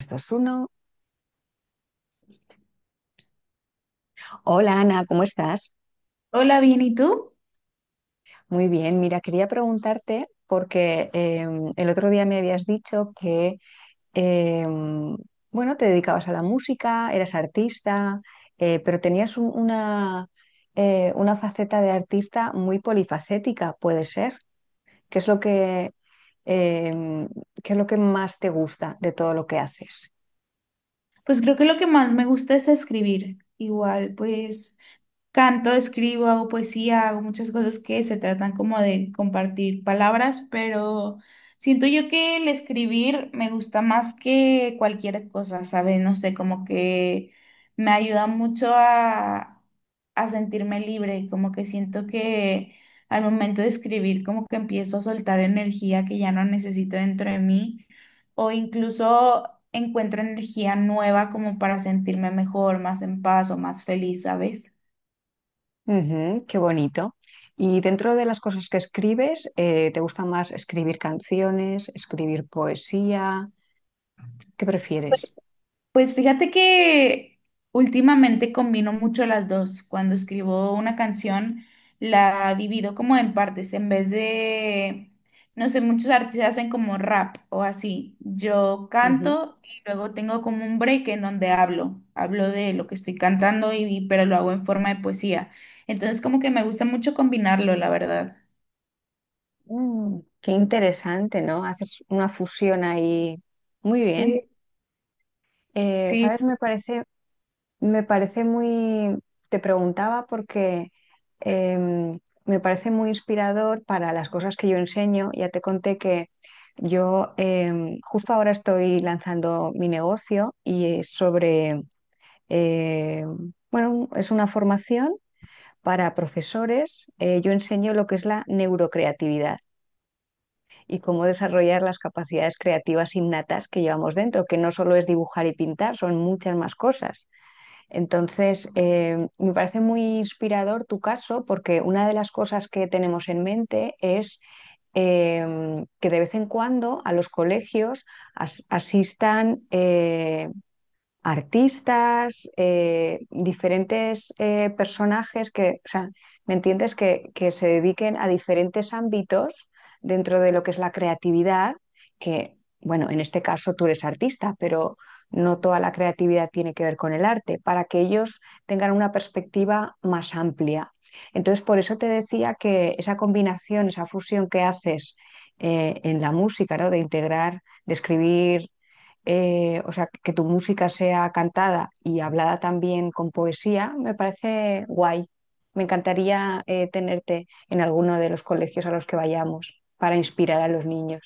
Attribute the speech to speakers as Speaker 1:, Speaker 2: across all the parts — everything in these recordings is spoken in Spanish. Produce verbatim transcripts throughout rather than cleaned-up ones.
Speaker 1: Estos uno. Hola Ana, ¿cómo estás?
Speaker 2: Hola, bien, ¿y tú?
Speaker 1: Muy bien, mira, quería preguntarte porque em, el otro día me habías dicho que, em, bueno, te dedicabas a la música, eras artista, eh, pero tenías un- una, eh, una faceta de artista muy polifacética, puede ser. ¿Qué es lo que, em, qué es lo que más te gusta de todo lo que haces?
Speaker 2: Pues creo que lo que más me gusta es escribir. Igual, pues canto, escribo, hago poesía, hago muchas cosas que se tratan como de compartir palabras, pero siento yo que el escribir me gusta más que cualquier cosa, ¿sabes? No sé, como que me ayuda mucho a, a sentirme libre, como que siento que al momento de escribir como que empiezo a soltar energía que ya no necesito dentro de mí o incluso encuentro energía nueva como para sentirme mejor, más en paz o más feliz, ¿sabes?
Speaker 1: Ujú, qué bonito. Y dentro de las cosas que escribes, eh, ¿te gusta más escribir canciones, escribir poesía? ¿Qué prefieres?
Speaker 2: Pues fíjate que últimamente combino mucho las dos. Cuando escribo una canción, la divido como en partes. En vez de, no sé, muchos artistas hacen como rap o así. Yo
Speaker 1: Ujú.
Speaker 2: canto y luego tengo como un break en donde hablo. Hablo de lo que estoy cantando y, y- pero lo hago en forma de poesía. Entonces como que me gusta mucho combinarlo, la verdad.
Speaker 1: Mm, qué interesante, ¿no? Haces una fusión ahí. Muy bien.
Speaker 2: Sí.
Speaker 1: Eh,
Speaker 2: Sí.
Speaker 1: ¿sabes? Me parece Me parece muy, te preguntaba porque em, me parece muy inspirador para las cosas que yo enseño. Ya te conté que yo em, justo ahora estoy lanzando mi negocio y es sobre, em, bueno, es una formación para profesores. Eh, yo enseño lo que es la neurocreatividad y cómo desarrollar las capacidades creativas innatas que llevamos dentro, que no solo es dibujar y pintar, son muchas más cosas. Entonces, eh, me parece muy inspirador tu caso porque una de las cosas que tenemos en mente es em, que de vez en cuando a los colegios as- asistan eh, artistas, eh, diferentes eh, personajes que, o sea, ¿me entiendes? Que, que se dediquen a diferentes ámbitos dentro de lo que es la creatividad, que, bueno, en este caso tú eres artista, pero no toda la creatividad tiene que ver con el arte, para que ellos tengan una perspectiva más amplia. Entonces, por eso te decía que esa combinación, esa fusión que haces eh, en la música, ¿no? De integrar, de escribir eh, o sea, que tu música sea cantada y hablada también con poesía, me parece guay. Me encantaría eh, tenerte en alguno de los colegios a los que vayamos para inspirar a los niños.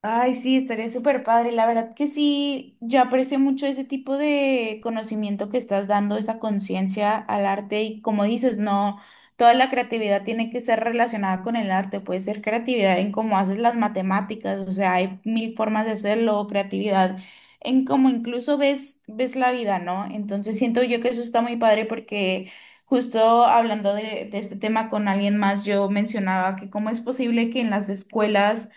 Speaker 2: Ay, sí, estaría súper padre. La verdad que sí, yo aprecio mucho ese tipo de conocimiento que estás dando, esa conciencia al arte y como dices, no, toda la creatividad tiene que ser relacionada con el arte, puede ser creatividad en cómo haces las matemáticas, o sea, hay mil formas de hacerlo, creatividad en cómo incluso ves, ves la vida, ¿no? Entonces siento yo que eso está muy padre porque… Justo hablando de, de este tema con alguien más, yo mencionaba que cómo es posible que en las escuelas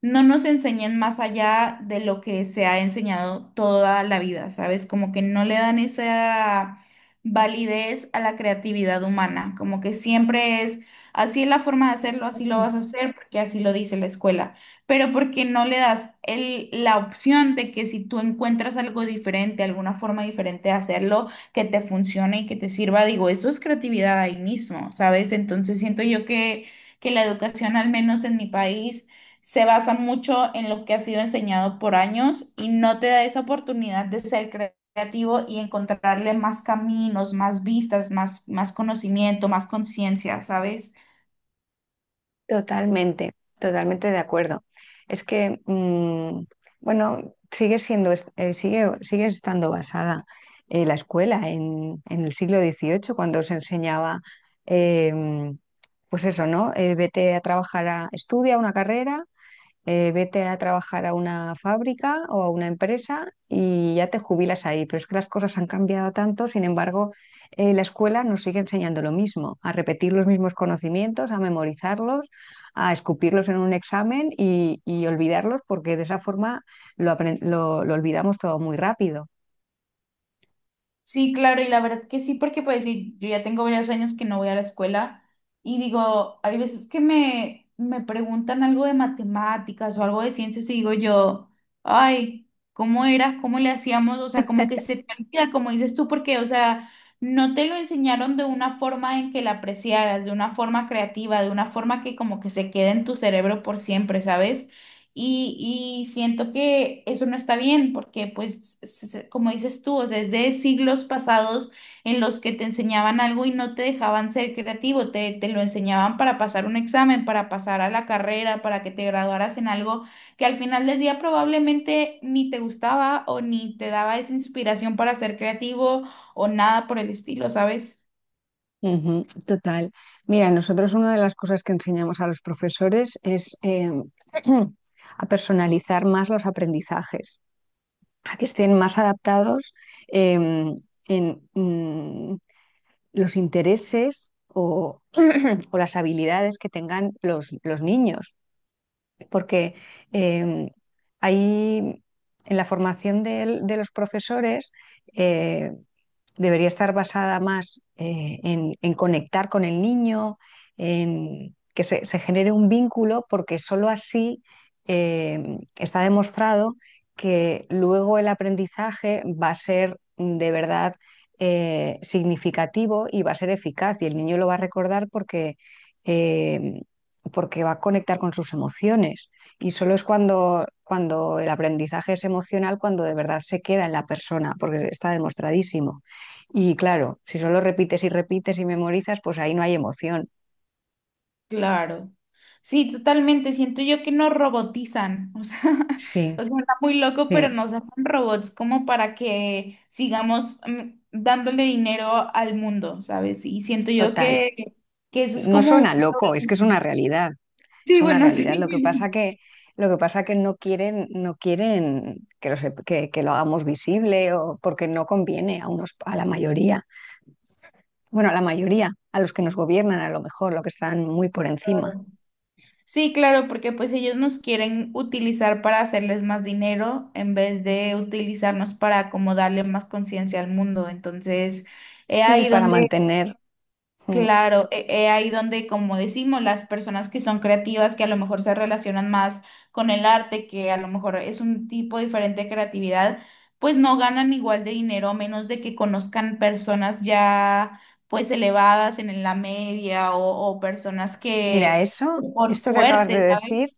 Speaker 2: no nos enseñan más allá de lo que se ha enseñado toda la vida, ¿sabes? Como que no le dan esa validez a la creatividad humana, como que siempre es, así es la forma de hacerlo, así lo vas a hacer, porque así lo dice la escuela, pero porque no le das el, la opción de que si tú encuentras algo diferente, alguna forma diferente de hacerlo, que te funcione y que te sirva, digo, eso es creatividad ahí mismo, ¿sabes? Entonces siento yo que, que la educación, al menos en mi país, se basa mucho en lo que ha sido enseñado por años y no te da esa oportunidad de ser cre- creativo y encontrarle más caminos, más vistas, más, más conocimiento, más conciencia, ¿sabes?
Speaker 1: Totalmente, totalmente de acuerdo. Es que, mm, bueno, sigue siendo, es- eh, sigue, sigue estando basada eh, la escuela en, en el siglo dieciocho, cuando se enseñaba, em, pues eso, ¿no? Eh, vete a trabajar, a, estudia una carrera eh, vete a trabajar a una fábrica o a una empresa y ya te jubilas ahí. Pero es que las cosas han cambiado tanto, sin embargo, eh, la escuela nos sigue enseñando lo mismo, a repetir los mismos conocimientos, a memorizarlos, a escupirlos en un examen y, y olvidarlos, porque de esa forma lo, apren- lo- lo olvidamos todo muy rápido.
Speaker 2: Sí, claro, y la verdad que sí, porque pues sí, yo ya tengo varios años que no voy a la escuela y digo, hay veces que me, me preguntan algo de matemáticas o algo de ciencias y digo yo, ay, ¿cómo era? ¿Cómo le hacíamos? O sea, como que se te olvida, como dices tú, porque, o sea, no te lo enseñaron de una forma en que la apreciaras, de una forma creativa, de una forma que como que se quede en tu cerebro por siempre, ¿sabes? Y, y siento que eso no está bien porque, pues, se- se- como dices tú, o sea, es de siglos pasados en los que te enseñaban algo y no te dejaban ser creativo, te, te lo enseñaban para pasar un examen, para pasar a la carrera, para que te graduaras en algo que al final del día probablemente ni te gustaba o ni te daba esa inspiración para ser creativo o nada por el estilo, ¿sabes?
Speaker 1: Ujú, total. Mira, nosotros una de las cosas que enseñamos a los profesores es em, a personalizar más los aprendizajes. A que estén más adaptados em, en mm, los intereses o, o las habilidades que tengan los, los niños, porque em, ahí en la formación del- de, los profesores, eh, debería estar basada más eh, en, en, conectar con el niño, en que se, se genere un vínculo, porque solo así eh, está demostrado que luego el aprendizaje va a ser de verdad eh, significativo y va a ser eficaz y el niño lo va a recordar porque, eh, porque va a conectar con sus emociones. Y solo es cuando, cuando el aprendizaje es emocional, cuando de verdad se queda en la persona, porque está demostradísimo. Y claro, si solo repites y repites y memorizas, pues ahí no hay emoción.
Speaker 2: Claro. Sí, totalmente. Siento yo que nos robotizan. O sea,
Speaker 1: Sí,
Speaker 2: o sea, está muy loco, pero
Speaker 1: sí,
Speaker 2: nos hacen robots como para que sigamos mm, dándole dinero al mundo, ¿sabes? Y siento yo
Speaker 1: total.
Speaker 2: que, que eso es
Speaker 1: No
Speaker 2: como un
Speaker 1: suena loco, es que es
Speaker 2: problema.
Speaker 1: una realidad,
Speaker 2: Sí,
Speaker 1: es una
Speaker 2: bueno,
Speaker 1: realidad. Lo que pasa
Speaker 2: sí.
Speaker 1: que, lo que pasa que no quieren, no quieren que lo, sep- que, que lo hagamos visible o porque no conviene a unos, a la mayoría. Bueno, a la mayoría, a los que nos gobiernan a lo mejor, los que están muy por encima.
Speaker 2: Sí, claro, porque pues ellos nos quieren utilizar para hacerles más dinero en vez de utilizarnos para como darle más conciencia al mundo. Entonces, es
Speaker 1: Sí,
Speaker 2: ahí
Speaker 1: para
Speaker 2: donde
Speaker 1: mantener. mm,
Speaker 2: claro, e- e ahí donde, como decimos, las personas que son creativas, que a lo mejor se relacionan más con el arte, que a lo mejor es un tipo diferente de creatividad, pues no ganan igual de dinero, a menos de que conozcan personas ya pues elevadas en la media o, o personas
Speaker 1: Mira,
Speaker 2: que
Speaker 1: eso,
Speaker 2: por
Speaker 1: esto que acabas de
Speaker 2: suerte,
Speaker 1: decir.
Speaker 2: ¿sabes?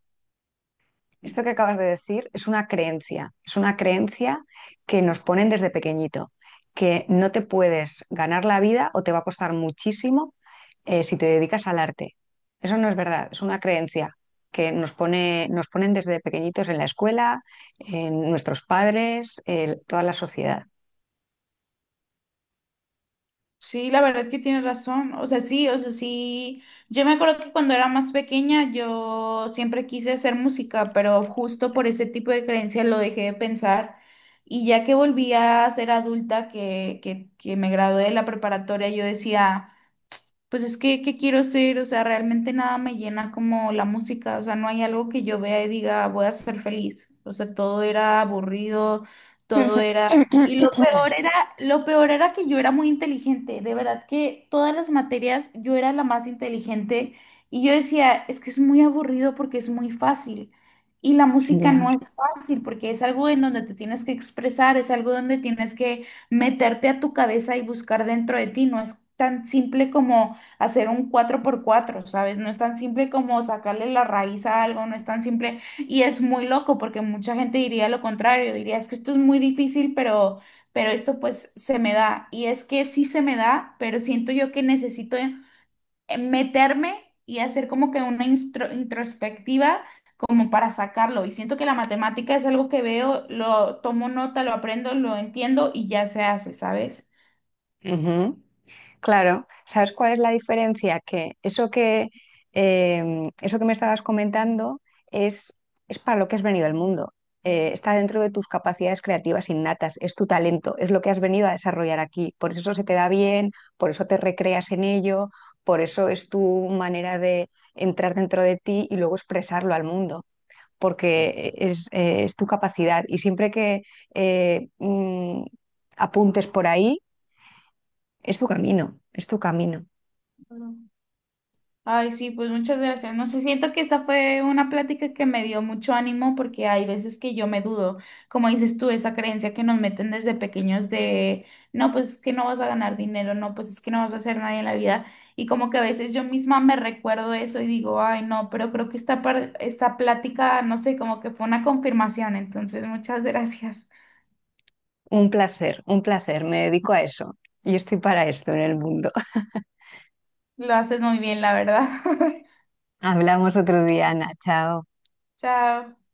Speaker 1: Esto que acabas de decir es una creencia, es una creencia que nos ponen desde pequeñito, que no te puedes ganar la vida o te va a costar muchísimo eh, si te dedicas al arte. Eso no es verdad, es una creencia que nos pone, nos ponen desde pequeñitos en la escuela, en nuestros padres, en toda la sociedad.
Speaker 2: Sí, la verdad que tienes razón. O sea, sí, o sea, sí. Yo me acuerdo que cuando era más pequeña yo siempre quise hacer música, pero justo por ese tipo de creencias lo dejé de pensar. Y ya que volví a ser adulta, que, que, que me gradué de la preparatoria, yo decía… Pues es que, ¿qué quiero ser? O sea, realmente nada me llena como la música, o sea, no hay algo que yo vea y diga, voy a ser feliz. O sea, todo era aburrido, todo era… Y lo peor era, lo peor era que yo era muy inteligente, de verdad que todas las materias yo era la más inteligente y yo decía, es que es muy aburrido porque es muy fácil. Y la música no
Speaker 1: Ya.
Speaker 2: es fácil porque es algo en donde te tienes que expresar, es algo donde tienes que meterte a tu cabeza y buscar dentro de ti, no es tan simple como hacer un cuatro por cuatro, sabes. No es tan simple como sacarle la raíz a algo, no es tan simple y es muy loco porque mucha gente diría lo contrario, diría, es que esto es muy difícil, pero pero esto pues se me da y es que sí se me da, pero siento yo que necesito eh, eh, meterme y hacer como que una instro- introspectiva como para sacarlo y siento que la matemática es algo que veo, lo tomo nota, lo aprendo, lo entiendo y ya se hace, ¿sabes?
Speaker 1: Ujú. Claro, ¿sabes cuál es la diferencia? Que eso que, eh, eso que me estabas comentando es, es para lo que has venido al mundo. Eh, está dentro de tus capacidades creativas innatas, es tu talento, es lo que has venido a desarrollar aquí. Por eso se te da bien, por eso te recreas en ello, por eso es tu manera de entrar dentro de ti y luego expresarlo al mundo, porque e, es, eh, es tu capacidad. Y siempre que eh, mm, apuntes por ahí, es tu camino, es tu camino.
Speaker 2: Ay, sí, pues muchas gracias. No sé, siento que esta fue una plática que me dio mucho ánimo porque hay veces que yo me dudo, como dices tú, esa creencia que nos meten desde pequeños de, no, pues es que no vas a ganar dinero, no, pues es que no vas a hacer nada en la vida. Y como que a veces yo misma me recuerdo eso y digo, ay, no, pero creo que esta, par- esta plática, no sé, como que fue una confirmación. Entonces, muchas gracias.
Speaker 1: Un placer, un placer. Me dedico a eso. Yo estoy para esto en el mundo.
Speaker 2: Lo haces muy bien, la verdad.
Speaker 1: Hablamos otro día, Ana. Chao.
Speaker 2: Chao.